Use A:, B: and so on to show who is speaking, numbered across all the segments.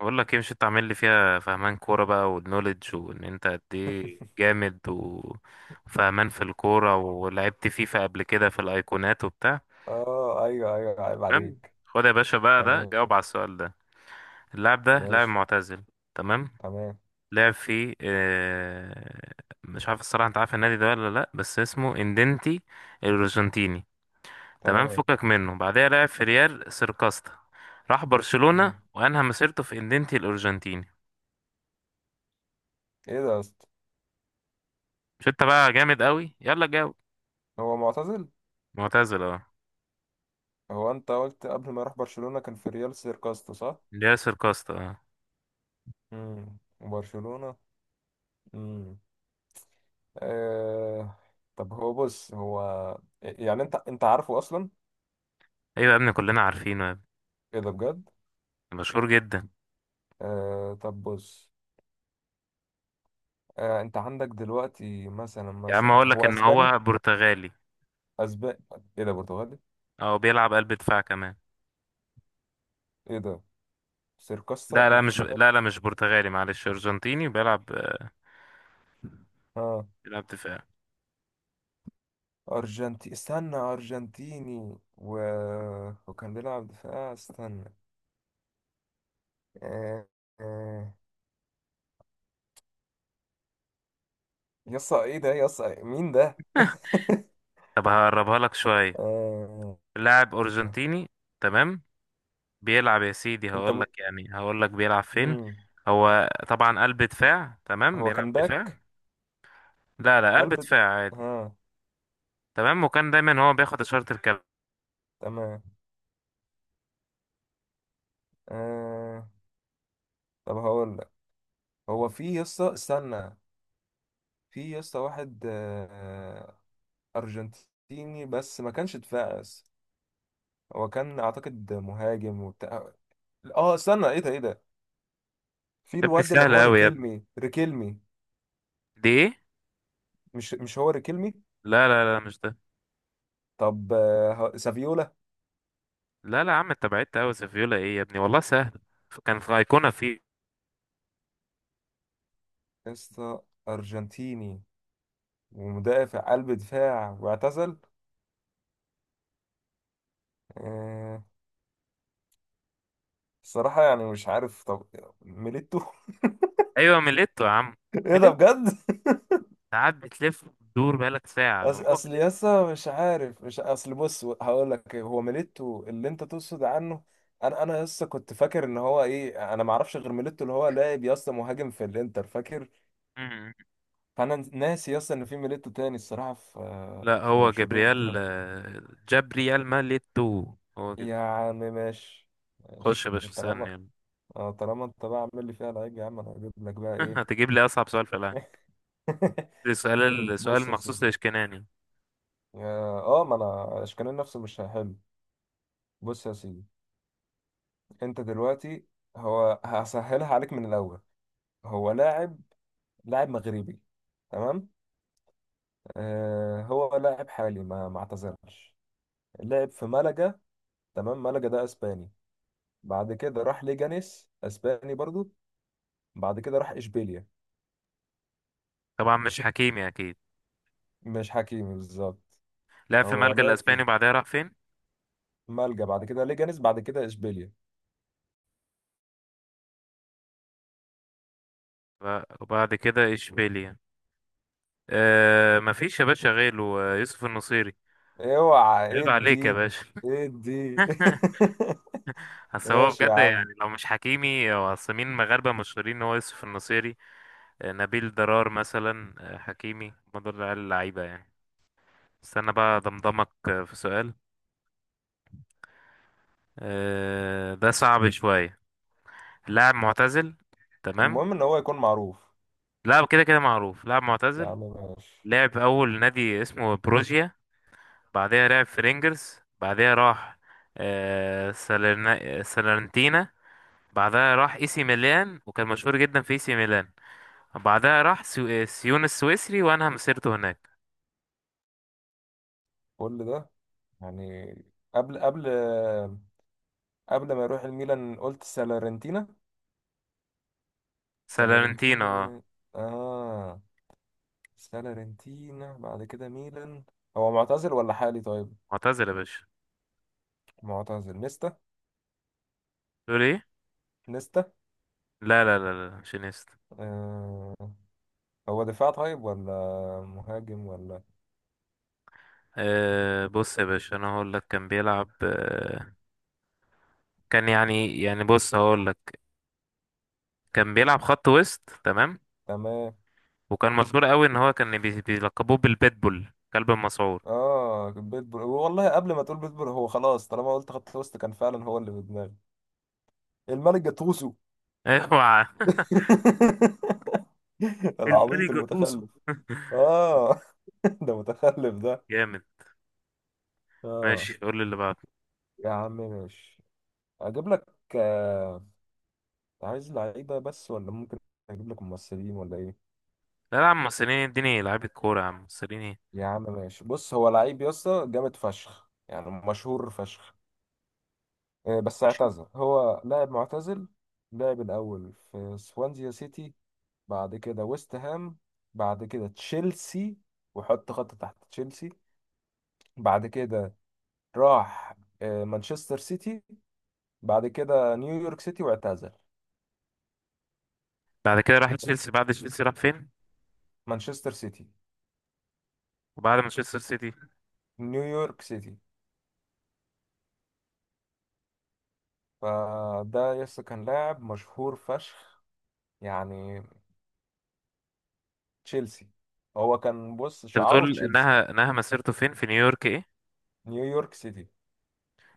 A: بقول لك ايه، مش انت عامل لي فيها فهمان كوره بقى والنوليدج وان انت قد ايه جامد وفهمان في الكوره ولعبت فيفا قبل كده في الايقونات وبتاع.
B: اه ايوه ايوه، عيب
A: تمام،
B: عليك.
A: خد يا باشا بقى، ده
B: تمام.
A: جاوب على السؤال ده. اللاعب ده لاعب
B: ماشي.
A: معتزل. تمام.
B: تمام.
A: لعب في مش عارف الصراحه، انت عارف النادي ده ولا لا؟ بس اسمه اندنتي الارجنتيني. تمام،
B: تمام.
A: فكك منه، بعدها لعب في ريال سيركاستا، راح برشلونه
B: مم.
A: وانهى مسيرته في اندنتي الارجنتيني.
B: ايه ده يا اسطى؟
A: مش انت بقى جامد قوي؟ يلا جاوب.
B: هو معتزل؟
A: معتزل اه.
B: هو انت قلت قبل ما يروح برشلونة كان في ريال سيركاستو، صح؟
A: اللي ياسر كوستا اه.
B: وبرشلونة. امم آه... طب هو بص، هو يعني انت عارفه اصلا؟
A: ايوه يا ابني، كلنا عارفينه يا ابني.
B: ايه ده بجد؟
A: مشهور جدا.
B: طب بص. انت عندك دلوقتي مثلا
A: يا عم اقول لك
B: هو
A: ان
B: اسباني؟
A: هو برتغالي.
B: اسباني؟ ايه ده برتغالي؟
A: او بيلعب قلب دفاع كمان.
B: ايه ده؟ سيركاستا.
A: لا لا مش لا لا مش برتغالي، معلش، ارجنتيني بيلعب
B: اه
A: بيلعب دفاع.
B: استنى، أرجنتيني وكان بيلعب دفاع، استنى. آه، آه، يسا ايه ده، يسا مين ده؟
A: طب هقربها لك شويه.
B: آه،
A: لاعب ارجنتيني. تمام. بيلعب يا سيدي،
B: انت
A: هقول لك بيلعب فين.
B: مم.
A: هو طبعا قلب دفاع. تمام،
B: هو
A: بيلعب
B: كان
A: دفاع.
B: باك؟
A: لا لا، قلب
B: قلب.
A: دفاع عادي.
B: ها.
A: تمام، وكان دايما هو بياخد اشاره الكابتن.
B: تمام. آه... طب هقول لك، هو في يسا، استنى. في يسا واحد أرجنتيني بس ما كانش دفاع يسا. هو كان أعتقد مهاجم وبتاع. اه استنى، ايه ده ايه ده؟ في
A: يا ابني
B: الواد اللي هو
A: سهله قوي يا ابني.
B: ريكيلمي، ريكيلمي؟
A: دي ايه؟
B: مش هو ريكيلمي.
A: لا لا لا مش ده.
B: طب سافيولا؟
A: لا لا يا عم، انت بعدت قوي، سيفيولا ايه يا ابني؟ والله سهل. كان في ايقونه في.
B: اسطى، أرجنتيني ومدافع قلب دفاع واعتزل، آه، الصراحة يعني مش عارف. طب، ميليتو.
A: ايوه ميليتو يا عم،
B: ايه ده
A: ميليتو.
B: بجد؟
A: ساعات بتلف وتدور بقالك ساعه هو
B: اصل
A: ميليتو.
B: يسا مش عارف، مش اصل بص هقول لك إيه، هو ميليتو اللي انت تقصد عنه. انا يسا كنت فاكر ان هو ايه، انا ما اعرفش غير ميليتو اللي هو لاعب يسا مهاجم في الانتر، فاكر.
A: مم.
B: فانا ناسي اصلا ان في ميليتو تاني الصراحه، في.
A: لا،
B: في
A: هو
B: برشلونه.
A: جابرييل جابرييل ميليتو هو كده.
B: يا عم ماشي.
A: خش
B: ماشي.
A: يا باشا، اسالني
B: طالما
A: يلا.
B: طالما انت بقى عامل لي فيها لعيب يا عم، انا هجيب لك بقى ايه؟
A: هتجيب لي اصعب سؤال في العالم. ده سؤال، سؤال
B: بص يا
A: مخصوص
B: سيدي.
A: لاشكناني.
B: اه، ما انا اشكال نفسه مش هحل. بص يا سيدي، انت دلوقتي، هو هسهلها عليك من الاول. هو لاعب، لاعب مغربي. تمام. آه، هو لاعب حالي ما اعتزلش. لعب في ملقا. تمام، ملقا ده اسباني. بعد كده راح ليجانيس، اسباني برضو. بعد كده راح اشبيليا.
A: طبعا مش حكيمي اكيد.
B: مش حكيمي بالظبط.
A: لعب في
B: هو
A: الملجأ
B: لعب
A: الاسباني
B: في
A: وبعدها راح فين؟
B: مالجا، بعد كده ليجانيس، بعد كده اشبيليا.
A: وبعد كده اشبيليا. مفيش يا باشا غيره، يوسف النصيري.
B: اوعى
A: عيب عليك يا
B: ادي،
A: باشا.
B: ادي.
A: اصل هو
B: ماشي يا
A: بجد
B: عم.
A: يعني لو مش حكيمي، هو اصل مين مغاربة مشهورين، ان هو يوسف النصيري. نبيل دلال مثلا، حكيمي، هما دول العيال اللعيبة يعني. استنى بقى ضمضمك، في سؤال، ده صعب شوية. لاعب معتزل. تمام.
B: المهم ان هو يكون معروف.
A: لاعب كده كده معروف، لاعب
B: يا
A: معتزل.
B: عم ماشي.
A: لعب أول نادي اسمه بروجيا. بعدها لعب في رينجرز، بعدها راح سالرنتينا. بعدها راح اي سي ميلان وكان مشهور جدا في اي سي ميلان. بعدها راح سيون السويسري وأنهى مسيرته هناك.
B: كل ده يعني قبل قبل قبل ما يروح الميلان قلت سالارنتينا.
A: سالارنتينا اه.
B: سالارنتينا. اه. سالارنتينا بعد كده ميلان. هو معتزل ولا حالي؟ طيب.
A: معتزل يا باشا.
B: معتزل، نيستا.
A: تقول ايه؟
B: نيستا.
A: لا لا لا لا، شينيستا.
B: آه. هو دفاع طيب ولا مهاجم ولا؟
A: أه بص يا باشا، انا هقول لك كان بيلعب كان يعني بص هقول لك، كان بيلعب خط وسط، تمام.
B: تمام.
A: وكان مشهور قوي ان هو كان بيلقبوه بالبيتبول، كلب المسعور.
B: اه، بيتبول والله، قبل ما تقول بيتبول هو خلاص، طالما قلت خط وسط كان فعلا هو اللي في دماغي، الملك جاتوسو.
A: اوعى. الباني
B: العبيط
A: جاتوسو.
B: المتخلف. اه. ده متخلف ده.
A: جامد. ماشي
B: اه.
A: قول لي اللي بعده.
B: يا عم ماشي. اجيب لك، آه، عايز لعيبه بس ولا ممكن اجيب لك ممثلين ولا ايه؟
A: لا لا يا عم، مصريين. اديني لعيبة كورة يا عم، مصريين ايه؟
B: يا عم ماشي، بص هو لعيب يا اسطى جامد فشخ، يعني مشهور فشخ. بس اعتزل، هو لاعب معتزل. لعب الأول في سوانزيا سيتي، بعد كده ويست هام، بعد كده تشيلسي، وحط خط تحت تشيلسي. بعد كده راح مانشستر سيتي، بعد كده نيويورك سيتي واعتزل.
A: بعد كده راح
B: بس.
A: تشيلسي. بعد تشيلسي راح فين؟
B: مانشستر سيتي.
A: وبعد مانشستر سيتي؟
B: نيويورك سيتي. فده يس كان لاعب مشهور فشخ، يعني تشيلسي، هو كان بص
A: انت
B: شعاره
A: بتقول
B: تشيلسي.
A: انها مسيرته فين في نيويورك ايه؟
B: نيويورك سيتي.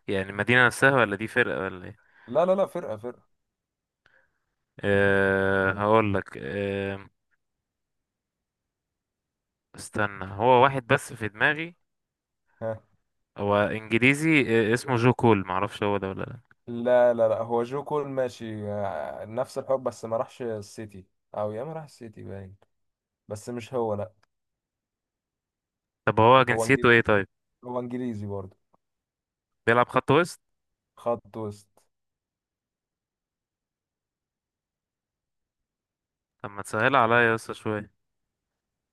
A: يعني المدينة نفسها، ولا دي فرقة ولا ايه؟
B: لا لا لا، فرقة فرقة.
A: أه هقول لك أه، استنى، هو واحد بس في دماغي.
B: ها.
A: هو انجليزي، اسمه جو كول، معرفش هو ده ولا لا.
B: لا لا لا، هو جو كول ماشي، نفس الحب بس ما راحش السيتي، او يا ما راح السيتي باين، بس مش هو، لا.
A: طب هو
B: هو
A: جنسيته
B: انجليزي.
A: ايه طيب؟
B: هو انجليزي برضه.
A: بيلعب خط وسط.
B: خط وسط.
A: طب ما تسهل عليا يا اسطى شوية.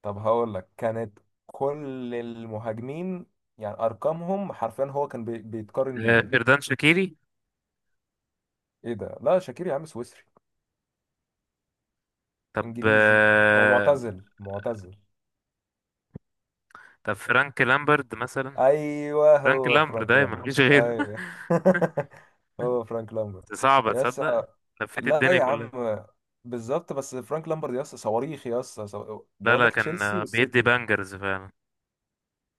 B: طب هقول لك، كانت كل المهاجمين يعني ارقامهم حرفيا هو كان بيتقارن
A: أه،
B: بيهم.
A: فردان شاكيري.
B: ايه ده، لا شاكير يا عم سويسري.
A: طب
B: انجليزي. هو
A: أه،
B: معتزل، معتزل.
A: طب فرانك لامبرد مثلا.
B: ايوه
A: فرانك
B: هو
A: لامبرد
B: فرانك
A: ده مفيش
B: لامبرت،
A: غيره.
B: ايوه. هو فرانك لامبرت.
A: صعبة
B: يس.
A: تصدق، لفيت
B: لا
A: الدنيا
B: يا
A: كلها.
B: عم. بالظبط، بس فرانك لامبرت يس، صواريخ يس،
A: لا
B: بقول
A: لا،
B: لك
A: كان
B: تشيلسي
A: بيدي
B: والسيتي.
A: بانجرز فعلا.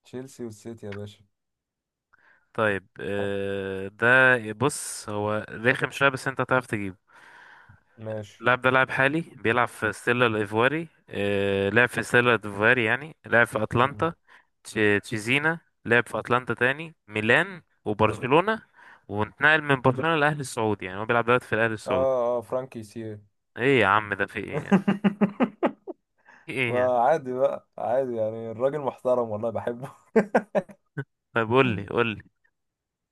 B: تشيلسي والسيتي يا باشا.
A: طيب،
B: آه،
A: ده بص، هو رخم شوية بس انت تعرف تجيب.
B: ماشي.
A: اللاعب ده لاعب حالي، بيلعب في ستيلا الإيفواري، لعب في ستيلا الإيفواري يعني لعب في
B: مم.
A: أتلانتا. تش- تشيزينا. لعب في أتلانتا، تاني ميلان وبرشلونة. وانتقل من برشلونة للأهلي السعودي، يعني هو بيلعب دلوقتي في الأهلي السعودي.
B: اه اه فرانكي سي.
A: ايه يا عم ده في ايه يعني؟ في ايه يعني؟
B: ما عادي بقى، عادي يعني الراجل محترم والله بحبه.
A: طب قول لي، قول لي.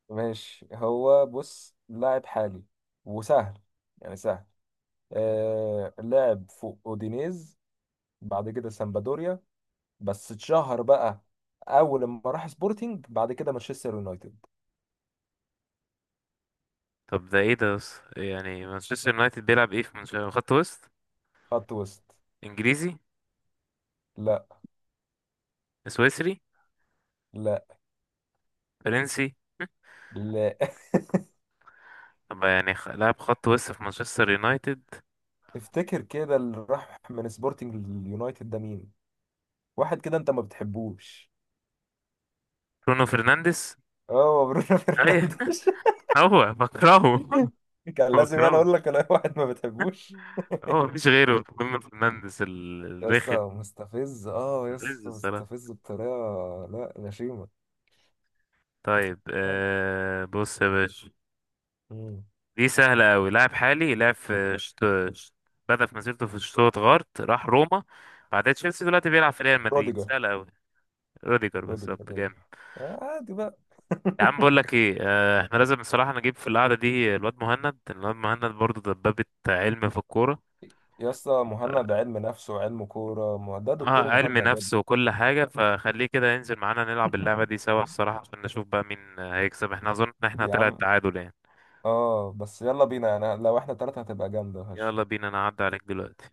B: ماشي، هو بص لاعب حالي وسهل، يعني سهل. آه، لعب فوق اودينيز، بعد كده سامبادوريا، بس اتشهر بقى اول ما راح سبورتنج، بعد كده مانشستر يونايتد.
A: طب ده ايه ده بس، يعني مانشستر يونايتد بيلعب ايه في خط وسط؟
B: خط وسط.
A: انجليزي؟
B: لا.
A: سويسري؟
B: لا.
A: فرنسي؟
B: لا.
A: طب يعني لاعب خط وسط في مانشستر يونايتد.
B: افتكر كده اللي راح من سبورتنج لليونايتد ده مين؟ واحد كده انت ما بتحبوش.
A: برونو فرنانديز،
B: اه، برونو
A: ايوه.
B: فرنانديز.
A: هو بكرهه.
B: كان لازم انا
A: بكرهه.
B: اقول لك انا واحد ما بتحبوش.
A: هو مفيش غيره برونو فرنانديز
B: يس
A: الرخم.
B: مستفز، اه يس
A: الغز الصراحة.
B: مستفز بطريقه. لا، غشيمه.
A: طيب بص يا باشا،
B: مم.
A: دي سهلة أوي. لاعب حالي لعب في شت- بدأ في مسيرته في شتوتغارت، راح روما، بعدها تشيلسي، دلوقتي بيلعب في ريال مدريد.
B: روديجر.
A: سهلة أوي. روديجر
B: روديجر
A: بالظبط،
B: روديجر.
A: جامد.
B: عادي بقى.
A: يا عم بقول لك ايه، احنا لازم بصراحة نجيب في القعدة دي الواد مهند. برضه دبابة علم في الكورة.
B: يا اسطى مهند علم نفس وعلم كورة، ده
A: اه
B: دكتور
A: علم
B: مهند يا ابني.
A: نفس وكل حاجة، فخليه كده ينزل معانا نلعب اللعبة دي سوا الصراحة، عشان نشوف بقى مين هيكسب، احنا اظن ان احنا
B: يا
A: طلع
B: عم،
A: التعادل يعني.
B: اه بس يلا بينا، يعني لو احنا تلاتة هتبقى جامدة
A: يلا
B: هش.
A: بينا، انا هعدي عليك دلوقتي.